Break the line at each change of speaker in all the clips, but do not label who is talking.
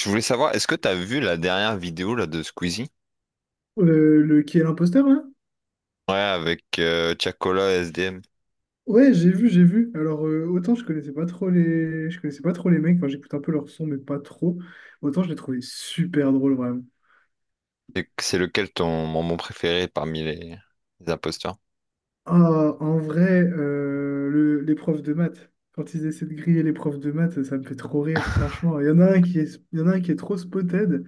Je voulais savoir, est-ce que t'as vu la dernière vidéo là de Squeezie?
Le Qui est l'imposteur là?
Ouais, avec Tiakola et SDM.
Ouais, j'ai vu, j'ai vu. Alors autant je connaissais pas trop les mecs. Enfin, j'écoute un peu leur son, mais pas trop. Autant je les trouvais super drôles vraiment.
C'est lequel ton moment préféré parmi les imposteurs?
Ah, en vrai, les profs de maths. Quand ils essaient de griller les profs de maths, ça me fait trop rire, franchement. Il y en a un qui est trop spotted.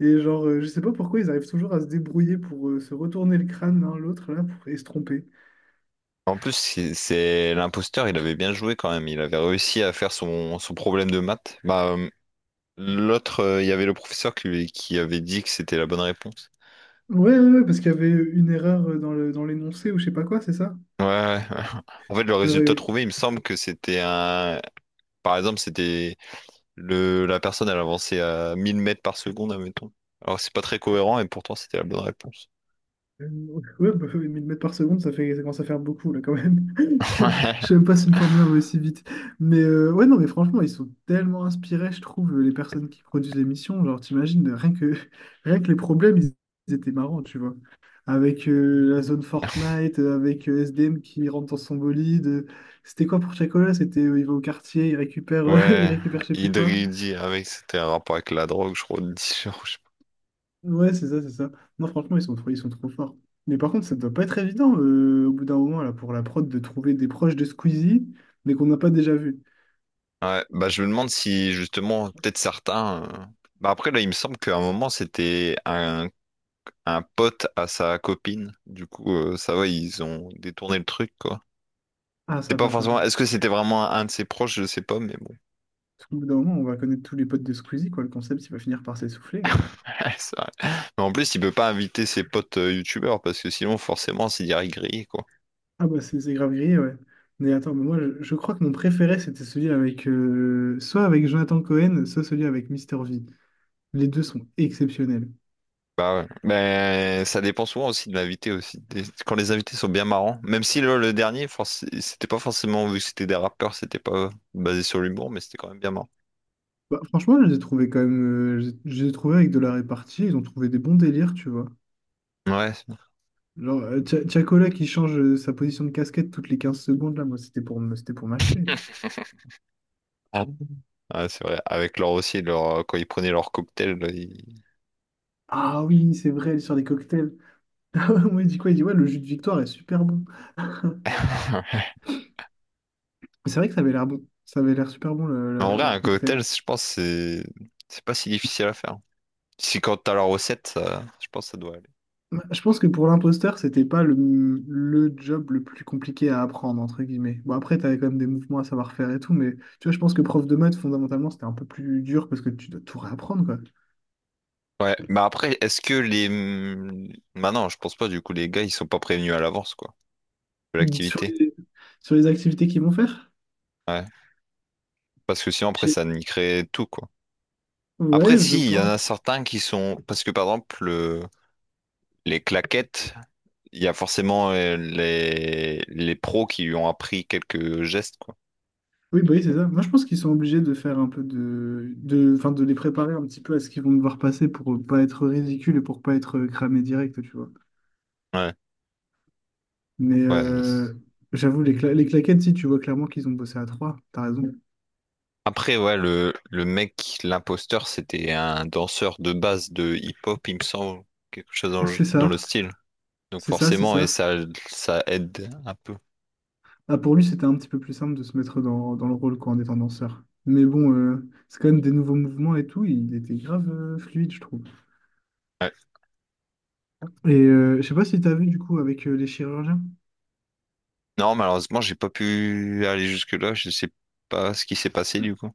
Et genre, je sais pas pourquoi ils arrivent toujours à se débrouiller pour se retourner le crâne l'un l'autre là et se tromper.
En plus, l'imposteur, il avait bien joué quand même. Il avait réussi à faire son problème de maths. Bah, l'autre, il y avait le professeur qui, qui avait dit que c'était la bonne réponse.
Ouais, ouais, ouais, parce qu'il y avait une erreur dans dans l'énoncé ou je sais pas quoi, c'est ça?
Ouais, ouais. En fait, le résultat
Euh,
trouvé, il me semble que c'était un. Par exemple, c'était... La personne, elle avançait à 1000 mètres par seconde, admettons. Alors, c'est pas très cohérent et pourtant, c'était la bonne réponse.
Euh, Ouais, bah, oui, 1000 mètres par seconde, ça commence à faire beaucoup là quand même. Je sais même pas si une Formule 1 va aussi vite. Mais ouais, non, mais franchement, ils sont tellement inspirés, je trouve, les personnes qui produisent l'émission. Genre, t'imagines, rien que les problèmes, ils étaient marrants, tu vois. Avec la zone Fortnite, avec S D M qui rentre dans son bolide. C'était quoi pour Chacola? C'était il va au quartier, il récupère, il
Ouais,
récupère je sais plus quoi.
Idridi avec, c'était un rapport avec la drogue, je crois, de dealer, je sais
Ouais, c'est ça, c'est ça. Non, franchement, ils sont trop forts. Mais par contre, ça doit pas être évident au bout d'un moment là, pour la prod de trouver des proches de Squeezie, mais qu'on n'a pas déjà vu.
pas. Ouais, bah je me demande si justement, peut-être certains. Bah après, là, il me semble qu'à un moment, c'était un pote à sa copine. Du coup, ça va, ils ont détourné le truc, quoi.
Ah,
C'était
ça
pas
va, ça va.
forcément. Est-ce que c'était vraiment un de ses proches? Je sais pas, mais.
Parce qu'au bout d'un moment, on va connaître tous les potes de Squeezie, quoi. Le concept, il va finir par s'essouffler.
C'est vrai. Mais en plus, il peut pas inviter ses potes youtubeurs parce que sinon, forcément, c'est direct grillé, quoi.
Ah, bah, c'est grave grillé, ouais. Mais attends, mais moi, je crois que mon préféré, c'était celui avec. Soit avec Jonathan Cohen, soit celui avec Mister V. Les deux sont exceptionnels.
Bah ouais. Mais ça dépend souvent aussi de l'invité aussi. Quand les invités sont bien marrants, même si le dernier, c'était pas forcément vu que c'était des rappeurs, c'était pas basé sur l'humour, mais c'était quand même bien marrant.
Bah, franchement, je les ai trouvés quand même. Je les ai trouvés avec de la répartie. Ils ont trouvé des bons délires, tu vois.
Ouais, c'est
Genre, Tchakola qui change sa position de casquette toutes les 15 secondes, là, moi, c'était c'était pour m'achever.
ah bon. Ouais, c'est vrai. Avec leur aussi, leur, quand ils prenaient leur cocktail, là,
Ah oui, c'est vrai, elle est sur des cocktails. Moi, il dit quoi? Il dit, ouais, le jus de victoire est super bon. Mais c'est vrai que ça avait l'air bon. Ça avait l'air super bon,
Mais en vrai,
leur
un
cocktail.
cocktail, je pense, c'est pas si difficile à faire. Si quand t'as la recette, je pense que ça doit aller.
Ouais, je pense que pour l'imposteur, c'était pas le job le plus compliqué à apprendre, entre guillemets. Bon, après, t'avais quand même des mouvements à savoir faire et tout, mais tu vois, je pense que prof de maths, fondamentalement, c'était un peu plus dur parce que tu dois tout réapprendre, quoi.
Ouais, mais après, est-ce que les... bah non, je pense pas, du coup, les gars, ils sont pas prévenus à l'avance, quoi, de
Sur
l'activité.
les, sur les activités qu'ils vont faire?
Ouais. Parce que sinon, après,
Je-
ça niquerait tout, quoi. Après,
Ouais, je
si, il
peux.
y en a certains qui sont... Parce que, par exemple, les claquettes, il y a forcément les pros qui lui ont appris quelques gestes, quoi.
Oui, bah oui, c'est ça. Moi, je pense qu'ils sont obligés de faire un peu enfin, de les préparer un petit peu à ce qu'ils vont devoir passer pour pas être ridicule et pour pas être cramé direct, tu vois.
Ouais,
Mais
ouais.
j'avoue, les claquettes, si tu vois clairement qu'ils ont bossé à trois, t'as raison.
Après, ouais, le mec, l'imposteur, c'était un danseur de base de hip-hop, il me semble, quelque chose dans le
C'est
dans le
ça,
style. Donc
c'est ça, c'est
forcément, et
ça.
ça aide un peu.
Ah, pour lui, c'était un petit peu plus simple de se mettre dans le rôle quoi, en étant danseur. Mais bon, c'est quand même des nouveaux mouvements et tout. Il était grave fluide, je trouve.
Ouais.
Et je sais pas si t'as vu du coup avec les chirurgiens.
Non, malheureusement, j'ai pas pu aller jusque-là. Je sais pas ce qui s'est passé du coup.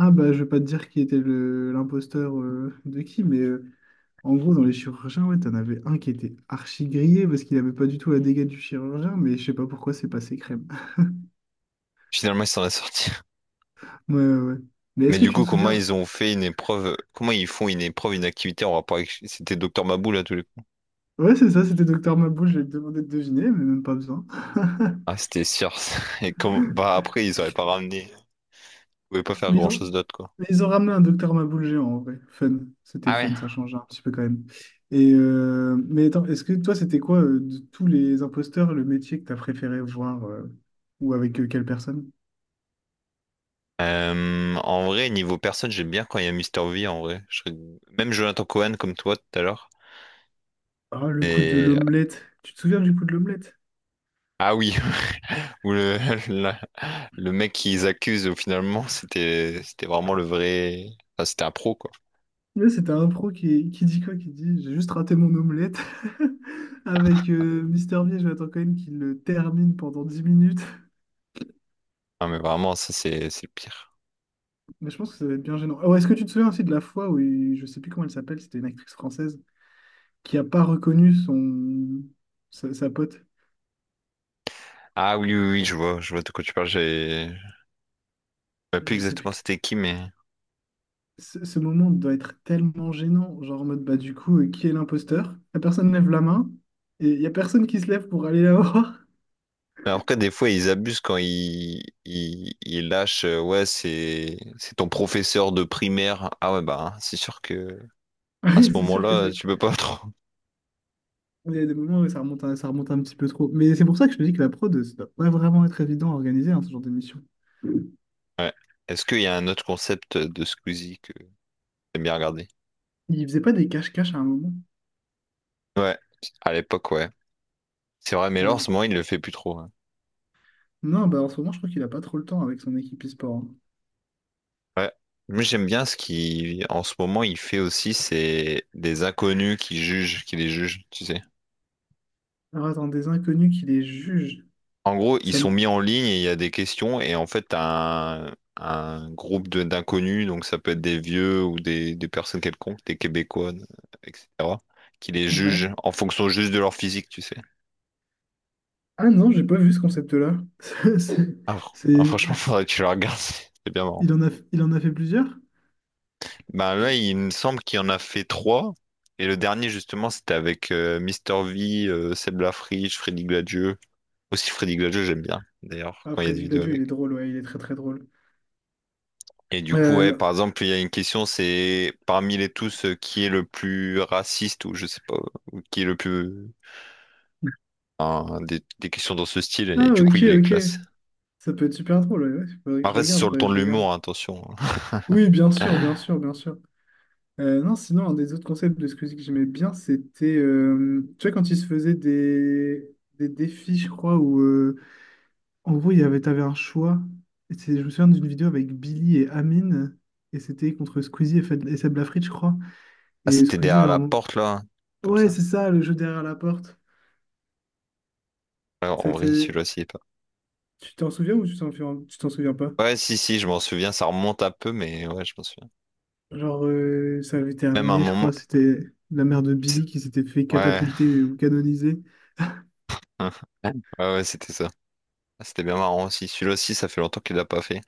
Ah bah je vais pas te dire qui était le l'imposteur de qui, mais en gros dans les chirurgiens, ouais, t'en avais un qui était archi grillé parce qu'il avait pas du tout la dégâts du chirurgien, mais je sais pas pourquoi c'est passé crème.
Finalement, ils s'en est sorti.
Ouais, ouais, ouais. Mais
Mais
est-ce que
du
tu
coup,
te
comment
souviens?
ils ont fait une épreuve? Comment ils font une épreuve, une activité en rapport avec... C'était Docteur Mabou là tous les coups.
Ouais, c'est ça, c'était Docteur Maboul, je vais te demander de deviner, mais même pas besoin.
Ah, c'était Circe. Et comme bah après, ils auraient pas ramené. Ils pouvaient pas faire
Mais ils ont,
grand-chose d'autre quoi.
mais ils ont ramené un Docteur Maboul géant en vrai. Fun, c'était
Ah ouais.
fun, ça change un petit peu quand même. Et mais attends, est-ce que toi c'était quoi de tous les imposteurs le métier que t'as préféré voir ou avec quelle personne?
En vrai, niveau personne, j'aime bien quand il y a Mister V en vrai. Même Jonathan Cohen comme toi tout à l'heure.
Ah, le coup de
Et
l'omelette. Tu te souviens du coup de l'omelette?
Ah oui, où la- le mec qu'ils accusent finalement, c'était vraiment le vrai. Enfin, c'était un pro quoi.
Là, c'était un pro qui dit quoi? Qui dit, j'ai juste raté mon omelette avec Mister V et Jonathan Cohen qui le termine pendant 10 minutes.
Ah mais vraiment, ça c'est le pire.
Mais je pense que ça va être bien gênant. Oh, est-ce que tu te souviens aussi de la fois où, je sais plus comment elle s'appelle, c'était une actrice française qui a pas reconnu son sa pote.
Ah oui, oui, oui, je vois de quoi tu parles. J'ai Je me rappelle plus
Je sais plus.
exactement c'était qui, mais.
Ce moment doit être tellement gênant, genre en mode bah du coup, qui est l'imposteur? La personne lève la main et il y a personne qui se lève pour aller la voir.
Mais après, des fois, ils abusent quand ils lâchent. Ouais, c'est ton professeur de primaire. Ah ouais, bah, hein, c'est sûr que
Ah
à ce
Oui, c'est sûr que ça.
moment-là, tu peux pas trop.
Il y a des moments où ça remonte, ça remonte un petit peu trop. Mais c'est pour ça que je te dis que la prod, ça doit pas vraiment être évident à organiser, hein, ce genre d'émission.
Ouais. Est-ce qu'il y a un autre concept de Squeezie que t'aimes bien regarder?
Il faisait pas des cache-cache à un moment.
Ouais, à l'époque, ouais. C'est vrai, mais là, en
avec-
ce moment, il ne le fait plus trop, hein.
Non, bah en ce moment, je crois qu'il a pas trop le temps avec son équipe e-sport, hein.
Ouais. Moi, j'aime bien ce qu'il, en ce moment, il fait aussi, c'est des inconnus qui jugent, qui les jugent, tu sais.
Alors attends, des inconnus qui les jugent.
En gros, ils
Ça
sont
me-
mis en ligne et il y a des questions, et en fait, t'as un d'inconnus, donc ça peut être des vieux ou des personnes quelconques, des Québécois, etc., qui les jugent
Ouais.
en fonction juste de leur physique, tu sais.
Ah non, j'ai pas vu ce concept-là. C'est. c'est-
Ah, ah, franchement,
c'est- c'est-
faudrait que tu le regardes, c'est bien marrant.
il en a fait plusieurs?
Bah là, il me semble qu'il en a fait trois. Et le dernier, justement, c'était avec Mister V, Seb Lafriche, Freddy Gladieux. Aussi, Freddy Gladieux, j'aime bien, d'ailleurs,
Ah,
quand il y a des
Freddy
vidéos
Gladio, il
avec.
est drôle, ouais, il est très très drôle.
Et du coup, ouais,
Euh,
par exemple, il y a une question, c'est parmi les tous, qui est le plus raciste ou je sais pas, ou qui est le plus... enfin, des questions dans ce style, et
Ah,
du coup,
ok,
il les
ok.
classe.
Ça peut être super drôle, ouais, ouais. Faudrait que je
Après, c'est
regarde,
sur le
faudrait
ton
que
de
je regarde.
l'humour, hein, attention.
Oui, bien sûr, bien sûr, bien sûr. Non, sinon, un des autres concepts de Squeezie que j'aimais bien, c'était, tu vois, quand il se faisait des défis, je crois, où, en gros, t'avais un choix. Je me souviens d'une vidéo avec Billy et Amine, et c'était contre Squeezie et Seb Lafrite, je crois.
Ah,
Et
c'était
Squeezie,
derrière
genre,
la porte, là, hein, comme
ouais,
ça.
c'est ça, le jeu derrière la porte.
Alors, en
Ça
vrai,
te-
celui-là, s'il est pas.
Tu t'en souviens ou tu t'en souviens pas?
Ouais, si, si, je m'en souviens, ça remonte un peu, mais ouais, je m'en souviens.
Genre, ça avait
Même un
terminé, je
moment.
crois, c'était la mère de
c'est-
Billy qui s'était fait
Ouais,
catapulter ou canoniser.
ouais, ouais, c'était ça. Ah, c'était bien marrant aussi. Celui-là aussi, ça fait longtemps qu'il l'a pas fait.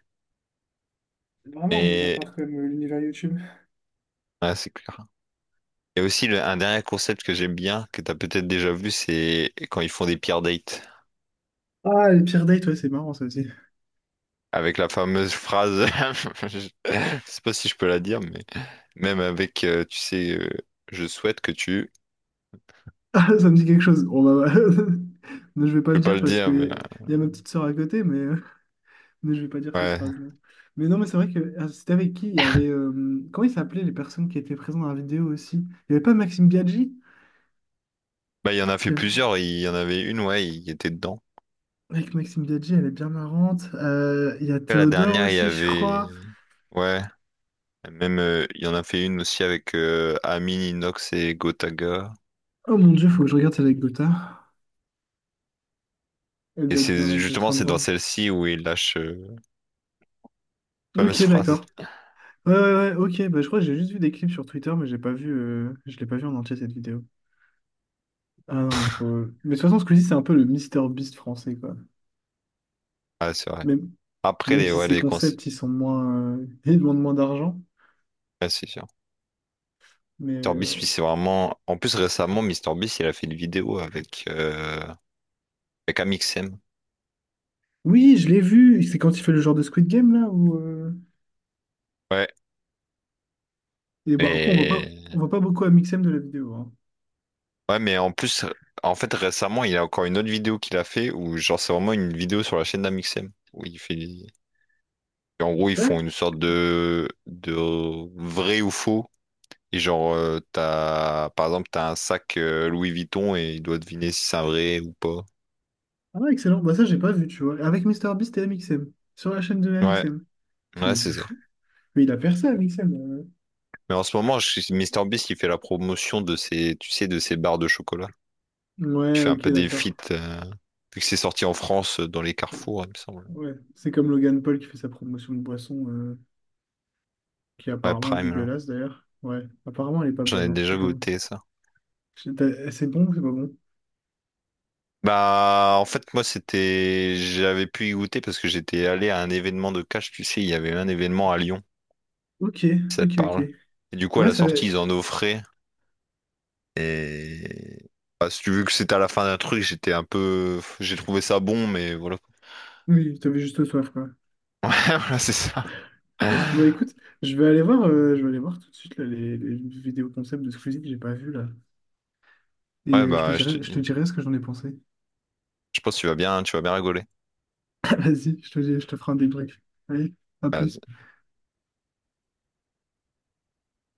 Vraiment un monde à
Mais
part comme l'univers YouTube.
ouais, c'est clair. Et aussi, un dernier concept que j'aime bien, que t'as peut-être déjà vu, c'est quand ils font des peer dates.
Ah, les pires dates, ouais, c'est marrant ça aussi.
Avec la fameuse phrase, je sais pas si je peux la dire, mais même avec, tu sais, je souhaite que tu.
Ah, ça me dit quelque chose. Bon, bah, bah, mais je vais pas
Je
le
peux pas le
dire parce
dire, mais
que y a ma petite sœur à côté, mais, mais je vais pas dire cette
ouais.
phrase, non. Mais non, mais c'est vrai que ah, c'était avec qui? Il y avait. Comment ils s'appelaient les personnes qui étaient présentes dans la vidéo aussi? Il y avait pas Maxime Biaggi?
Bah, il y en a fait
Il y avait-
plusieurs. Il y en avait une, ouais, il était dedans.
Avec Maxime Biaggi, elle est bien marrante. Il y a
Après, la
Théodore
dernière, il y
aussi, je
avait.
crois.
Ouais. Même, il y en a fait une aussi avec Amin, Inox et Gotaga.
Oh mon Dieu, faut que je regarde celle avec anecdote. Elle
Et
doit être bien,
c'est
elle doit être
justement,
fin
c'est dans
drôle.
celle-ci où il lâche la fameuse
Ok,
phrase.
d'accord. Ouais, ouais, ouais, ok. Bah, je crois que j'ai juste vu des clips sur Twitter, mais j'ai pas vu, je l'ai pas vu en entier cette vidéo. Ah non, mais faut. Mais de toute façon, Squeezie, c'est un peu le Mister Beast français, quoi.
Ouais, c'est vrai.
Même,
Après,
même
les,
si
ouais,
ses
les conseils.
concepts, ils sont moins. Ils demandent moins d'argent.
Ouais, c'est sûr.
Mais.
Mr Beast, lui,
euh,
c'est vraiment. En plus, récemment, Mr Beast, il a fait une vidéo avec Amixem.
Oui, je l'ai vu. C'est quand il fait le genre de Squid Game, là, où.
Ouais.
Et bah, après, on voit pas,
Et...
on voit pas beaucoup MXM de la vidéo, hein.
Ouais, mais en plus, en fait, récemment, il y a encore une autre vidéo qu'il a fait où, genre, c'est vraiment une vidéo sur la chaîne d'Amixem. Où il fait. En gros, ils
D'accord.
font une sorte de vrai ou faux. Et genre, t'as, par exemple, t'as un sac Louis Vuitton et il doit deviner si c'est un vrai ou pas.
Ah, excellent. Bah, ça, j'ai pas vu, tu vois. Avec Mister Beast et MXM. Sur la chaîne de
Ouais,
MXM.
ouais,
C'est
c'est
c'est
ça.
fou. Mais il a percé, MXM.
Mais en ce moment, je suis MrBeast qui fait la promotion de ces, tu sais, de ces barres de chocolat. Il
Ouais,
fait un
ok,
peu des
d'accord.
feats, vu que c'est sorti en France dans les carrefours, il me semble.
Ouais. C'est comme Logan Paul qui fait sa promotion de boisson, qui
Ouais,
apparemment est
Prime, là.
dégueulasse d'ailleurs. Ouais, apparemment elle est pas
J'en ai
bonne, hein, je te
déjà
convainc.
goûté ça.
C'est bon ou c'est pas bon?
Bah, en fait, moi, c'était, j'avais pu y goûter parce que j'étais allé à un événement de cash, tu sais, il y avait un événement à Lyon,
Ok,
si ça te
ok, ok.
parle. Et du coup, à
Ouais,
la
ça...
sortie, ils en offraient. Et bah, si tu veux que c'était à la fin d'un truc, j'étais un peu, j'ai trouvé ça bon, mais voilà.
Oui, t'avais juste soif, quoi.
Ouais, voilà, c'est ça. Ouais,
Bon, écoute, je vais aller voir tout de suite là, les vidéos concept de Squeezie que j'ai pas vu là. Et euh, je te
bah, je te
dirai, je
dis,
te dirai ce que j'en ai pensé.
je pense que tu vas bien rigoler.
Vas-y, je te ferai un débrief. Allez, à plus.
Vas-y.